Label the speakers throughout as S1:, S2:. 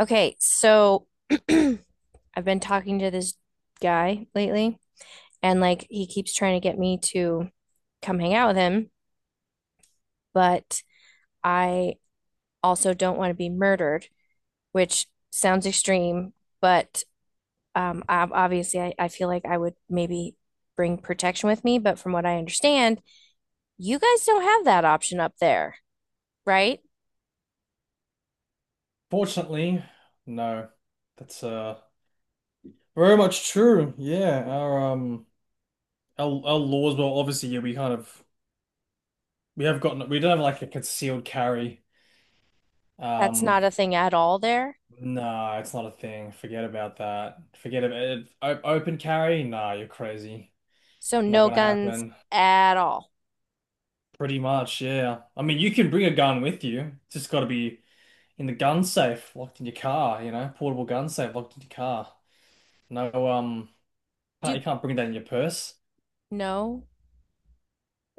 S1: Okay, so I've been talking to this guy lately, and like he keeps trying to get me to come hang out with him, but I also don't want to be murdered, which sounds extreme, but obviously I feel like I would maybe bring protection with me. But from what I understand, you guys don't have that option up there, right?
S2: Fortunately, no. That's very much true. Yeah, our our laws, well, obviously, yeah, we kind of we have gotten we don't have like a concealed carry.
S1: That's
S2: Um,
S1: not a thing at all there.
S2: no, it's not a thing. Forget about that. Forget about it. O Open carry? Nah, you're crazy.
S1: So
S2: Not
S1: no
S2: gonna
S1: guns
S2: happen.
S1: at all.
S2: Pretty much, yeah. I mean, you can bring a gun with you. It's just got to be in the gun safe, locked in your car. You know, portable gun safe, locked in your car. No, can't,
S1: Do
S2: you can't bring that in your purse.
S1: no?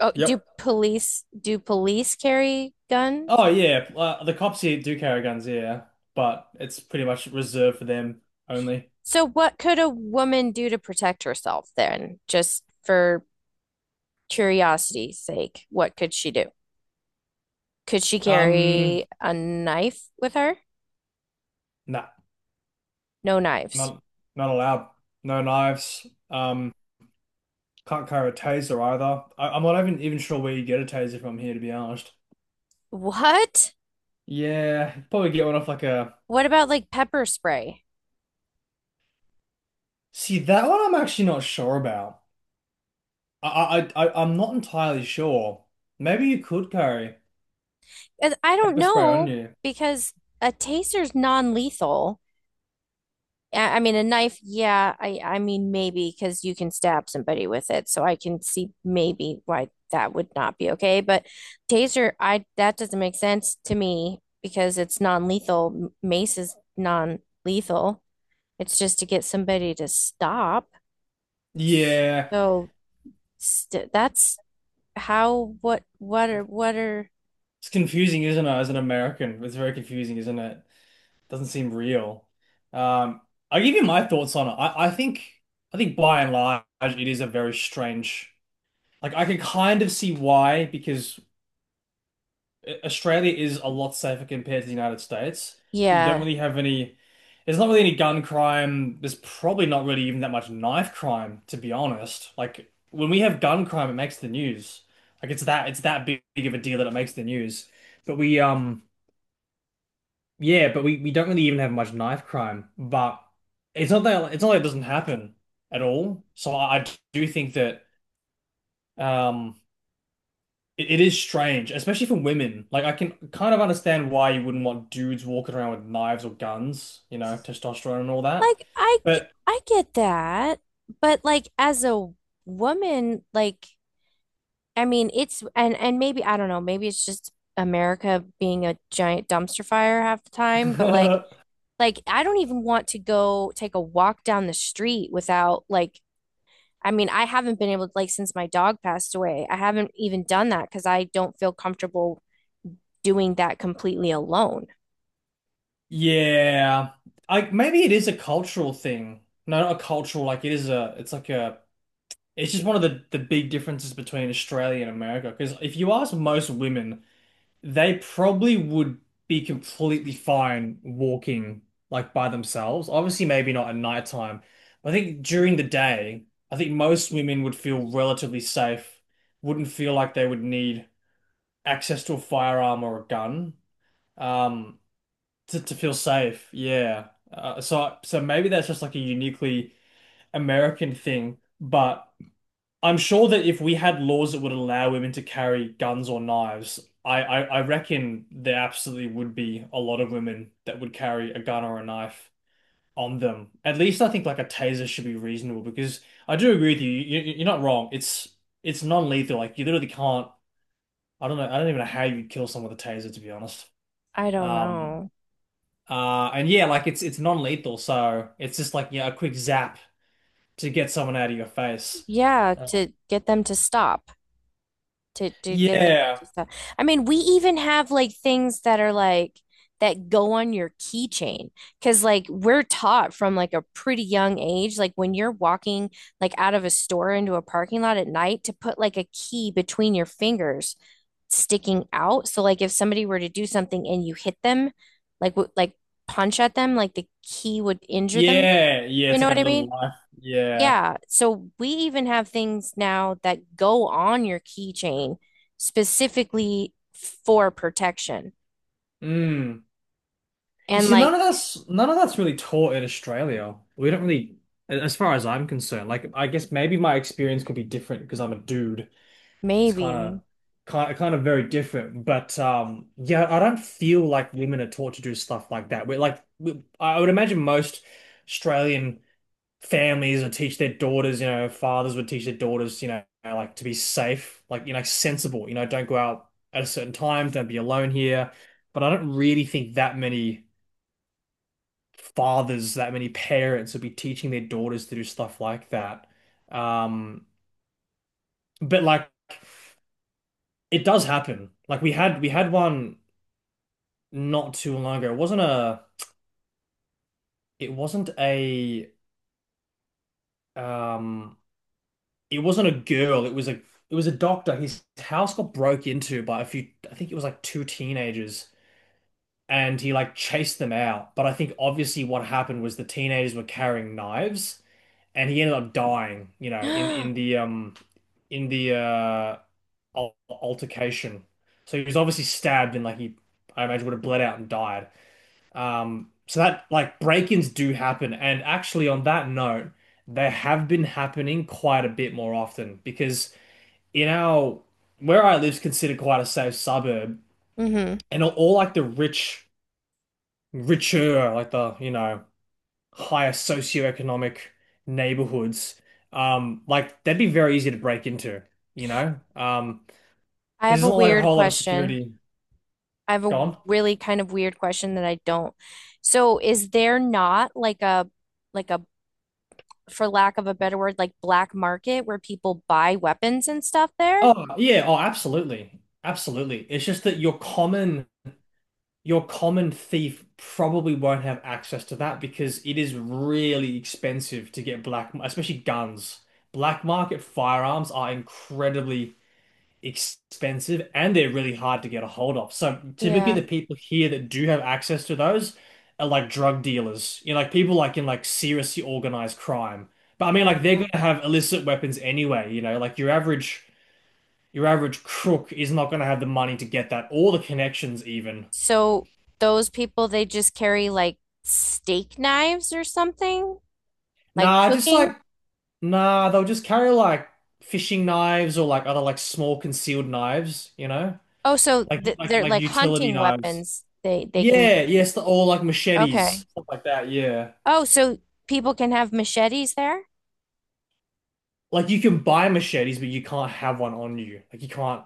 S1: Oh, do
S2: Yep.
S1: police do police carry guns?
S2: Oh
S1: Like,
S2: yeah, the cops here do carry guns, yeah, but it's pretty much reserved for them only.
S1: so what could a woman do to protect herself then? Just for curiosity's sake, what could she do? Could she
S2: Um,
S1: carry a knife with her?
S2: nah,
S1: No knives.
S2: not not allowed. No knives. Um, can't carry a taser either. I'm not even sure where you get a taser from here, to be honest.
S1: What?
S2: Yeah, probably get one off like a.
S1: What about like pepper spray?
S2: See, that one I'm actually not sure about. I'm not entirely sure. Maybe you could carry
S1: And I don't
S2: pepper spray on
S1: know
S2: you.
S1: because a taser's non-lethal. I mean, a knife, yeah, I mean maybe because you can stab somebody with it, so I can see maybe why that would not be okay. But taser, I that doesn't make sense to me because it's non-lethal. Mace is non-lethal. It's just to get somebody to stop.
S2: Yeah,
S1: So st that's how what are
S2: it's confusing, isn't it? As an American, it's very confusing, isn't it? Doesn't seem real. Um, I'll give you my thoughts on it. I think by and large it is a very strange. Like I can kind of see why, because Australia is a lot safer compared to the United States. We don't
S1: yeah.
S2: really have any. There's not really any gun crime. There's probably not really even that much knife crime, to be honest. Like when we have gun crime, it makes the news. Like it's that big of a deal that it makes the news. But we. Yeah, but we don't really even have much knife crime. But it's not like it doesn't happen at all. So I do think that um it is strange, especially for women. Like I can kind of understand why you wouldn't want dudes walking around with knives or guns, you know, testosterone and all that.
S1: Like I g-
S2: But
S1: I get that, but like as a woman, like I mean, it's and maybe I don't know, maybe it's just America being a giant dumpster fire half the time, but like like I don't even want to go take a walk down the street without like I mean, I haven't been able to like since my dog passed away. I haven't even done that because I don't feel comfortable doing that completely alone.
S2: yeah, I maybe it is a cultural thing. No, not a cultural. Like it is a. It's like a. It's just one of the big differences between Australia and America. Because if you ask most women. They probably would be completely fine walking like by themselves. Obviously, maybe not at nighttime, but I think during the day, I think most women would feel relatively safe, wouldn't feel like they would need access to a firearm or a gun um, to feel safe. Yeah. So maybe that's just like a uniquely American thing, but I'm sure that if we had laws that would allow women to carry guns or knives, I reckon there absolutely would be a lot of women that would carry a gun or a knife on them. At least I think like a taser should be reasonable because I do agree with you. You- are not wrong. It's non-lethal. Like you literally can't. I don't know. I don't even know how you'd kill someone with a taser, to be honest.
S1: I don't
S2: Um.
S1: know.
S2: And yeah, like it's non-lethal, so it's just like yeah, a quick zap to get someone out of your face.
S1: Yeah,
S2: Uh,
S1: to get them to stop, to get them
S2: yeah.
S1: to stop. I mean, we even have like things that are like that go on your keychain because like we're taught from like a pretty young age, like when you're walking like out of a store into a parking lot at night to put like a key between your fingers sticking out. So like if somebody were to do something and you hit them, like punch at them, like the key would injure them.
S2: Yeah, yeah,
S1: You
S2: it's
S1: know
S2: like a
S1: what I
S2: little
S1: mean?
S2: life. Yeah.
S1: Yeah, so we even have things now that go on your keychain specifically for protection.
S2: Mm. You
S1: And
S2: see,
S1: like
S2: none of that's really taught in Australia. We don't really, as far as I'm concerned. Like, I guess maybe my experience could be different because I'm a dude. It's kind of
S1: maybe,
S2: kind of very different. But yeah, I don't feel like women are taught to do stuff like that. I would imagine most Australian families would teach their daughters, you know, fathers would teach their daughters, you know, like to be safe, like, you know, sensible, you know, don't go out at a certain time, don't be alone here. But I don't really think that many fathers, that many parents would be teaching their daughters to do stuff like that. Um, but like it does happen. Like we had one not too long ago. It wasn't a um it wasn't a girl, it was a doctor. His house got broke into by a few, I think it was like two teenagers, and he like chased them out. But I think obviously what happened was the teenagers were carrying knives, and he ended up dying, you know,
S1: hmm,
S2: in the in the uh altercation. So he was obviously stabbed and like he, I imagine, would have bled out and died. So that like break-ins do happen, and actually on that note, they have been happening quite a bit more often because in our where I live's considered quite a safe suburb,
S1: I
S2: and all like the rich, richer, like the you know higher socioeconomic neighborhoods, like that'd be very easy to break into, you know, because
S1: have
S2: there's
S1: a
S2: not like a
S1: weird
S2: whole lot of
S1: question.
S2: security
S1: I have a
S2: gone.
S1: really kind of weird question that I don't. So is there not like a, for lack of a better word, like black market where people buy weapons and stuff there?
S2: Oh yeah, oh absolutely, absolutely. It's just that your common thief probably won't have access to that because it is really expensive to get black, especially guns. Black market firearms are incredibly expensive and they're really hard to get a hold of. So typically
S1: Yeah.
S2: the people here that do have access to those are like drug dealers, you know, like people like in like seriously organized crime. But I mean
S1: Oh,
S2: like they're
S1: wow.
S2: gonna have illicit weapons anyway, you know, like your average crook is not gonna have the money to get that or the connections even.
S1: So those people, they just carry like steak knives or something, like
S2: Nah, just
S1: cooking.
S2: like Nah, they'll just carry like fishing knives or like other like small concealed knives, you know?
S1: Oh, so th they're
S2: Like
S1: like
S2: utility
S1: hunting
S2: knives.
S1: weapons. They can.
S2: Yeah, yes, they're all like machetes,
S1: Okay.
S2: stuff like that, yeah.
S1: Oh, so people can have machetes there?
S2: Like you can buy machetes, but you can't have one on you.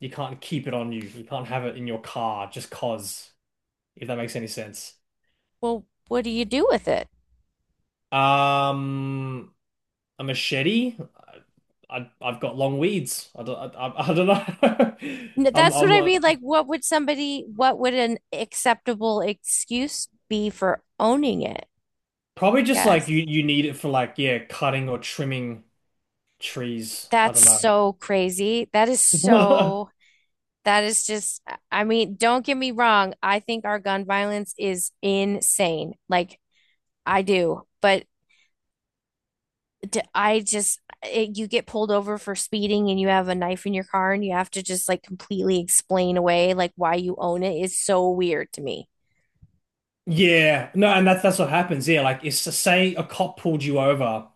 S2: You can't keep it on you. You can't have it in your car just 'cause, if that makes any sense.
S1: Well, what do you do with it?
S2: Um, a machete? I've got long weeds. I don't know.
S1: That's
S2: I'm
S1: what I
S2: not
S1: mean. Like, what would somebody? What would an acceptable excuse be for owning it?
S2: probably
S1: I
S2: just like
S1: guess.
S2: you need it for like yeah, cutting or trimming trees. I
S1: That's
S2: don't know.
S1: so crazy. That is so, that is just, I mean, don't get me wrong. I think our gun violence is insane. Like, I do. But d- I just it, you get pulled over for speeding and you have a knife in your car and you have to just like completely explain away like why you own it is so weird to me.
S2: Yeah, no, and that's what happens. Yeah, like it's to say a cop pulled you over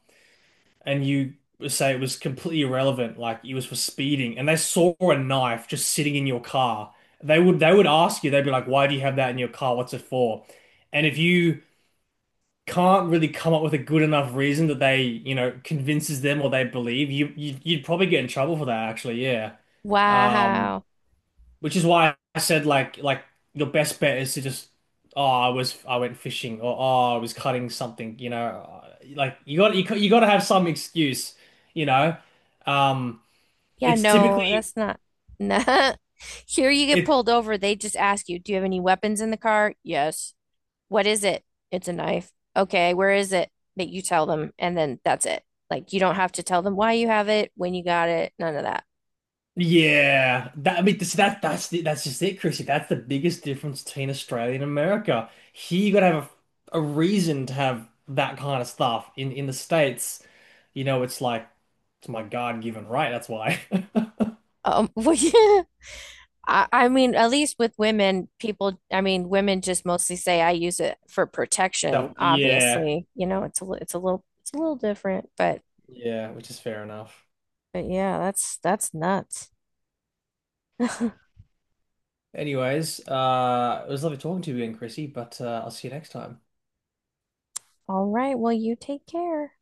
S2: and you say it was completely irrelevant, like it was for speeding, and they saw a knife just sitting in your car. They would ask you, they'd be like, "Why do you have that in your car? What's it for?" And if you can't really come up with a good enough reason that they, you know, convinces them or they believe, you'd probably get in trouble for that, actually. Yeah. Um,
S1: Wow.
S2: which is why I said like your best bet is to just oh I was I went fishing or oh I was cutting something, you know, like you got to have some excuse, you know. Um
S1: Yeah,
S2: it's
S1: no,
S2: typically
S1: that's not. Nah. Here you get
S2: it
S1: pulled over. They just ask you, do you have any weapons in the car? Yes. What is it? It's a knife. Okay, where is it? That you tell them, and then that's it. Like you don't have to tell them why you have it, when you got it, none of that.
S2: yeah, that I mean that's that's just it, Chrissy, that's the biggest difference between Australia and America. Here you got to have a reason to have that kind of stuff in the States, you know, it's like it's my God-given right, that's why.
S1: Well, yeah. I mean, at least with women, people, I mean, women just mostly say I use it for
S2: So,
S1: protection,
S2: yeah.
S1: obviously. You know, it's a, it's a little different,
S2: Yeah, which is fair enough.
S1: but yeah, that's nuts.
S2: Anyways, it was lovely talking to you again, Chrissy, but I'll see you next time.
S1: All right, well, you take care.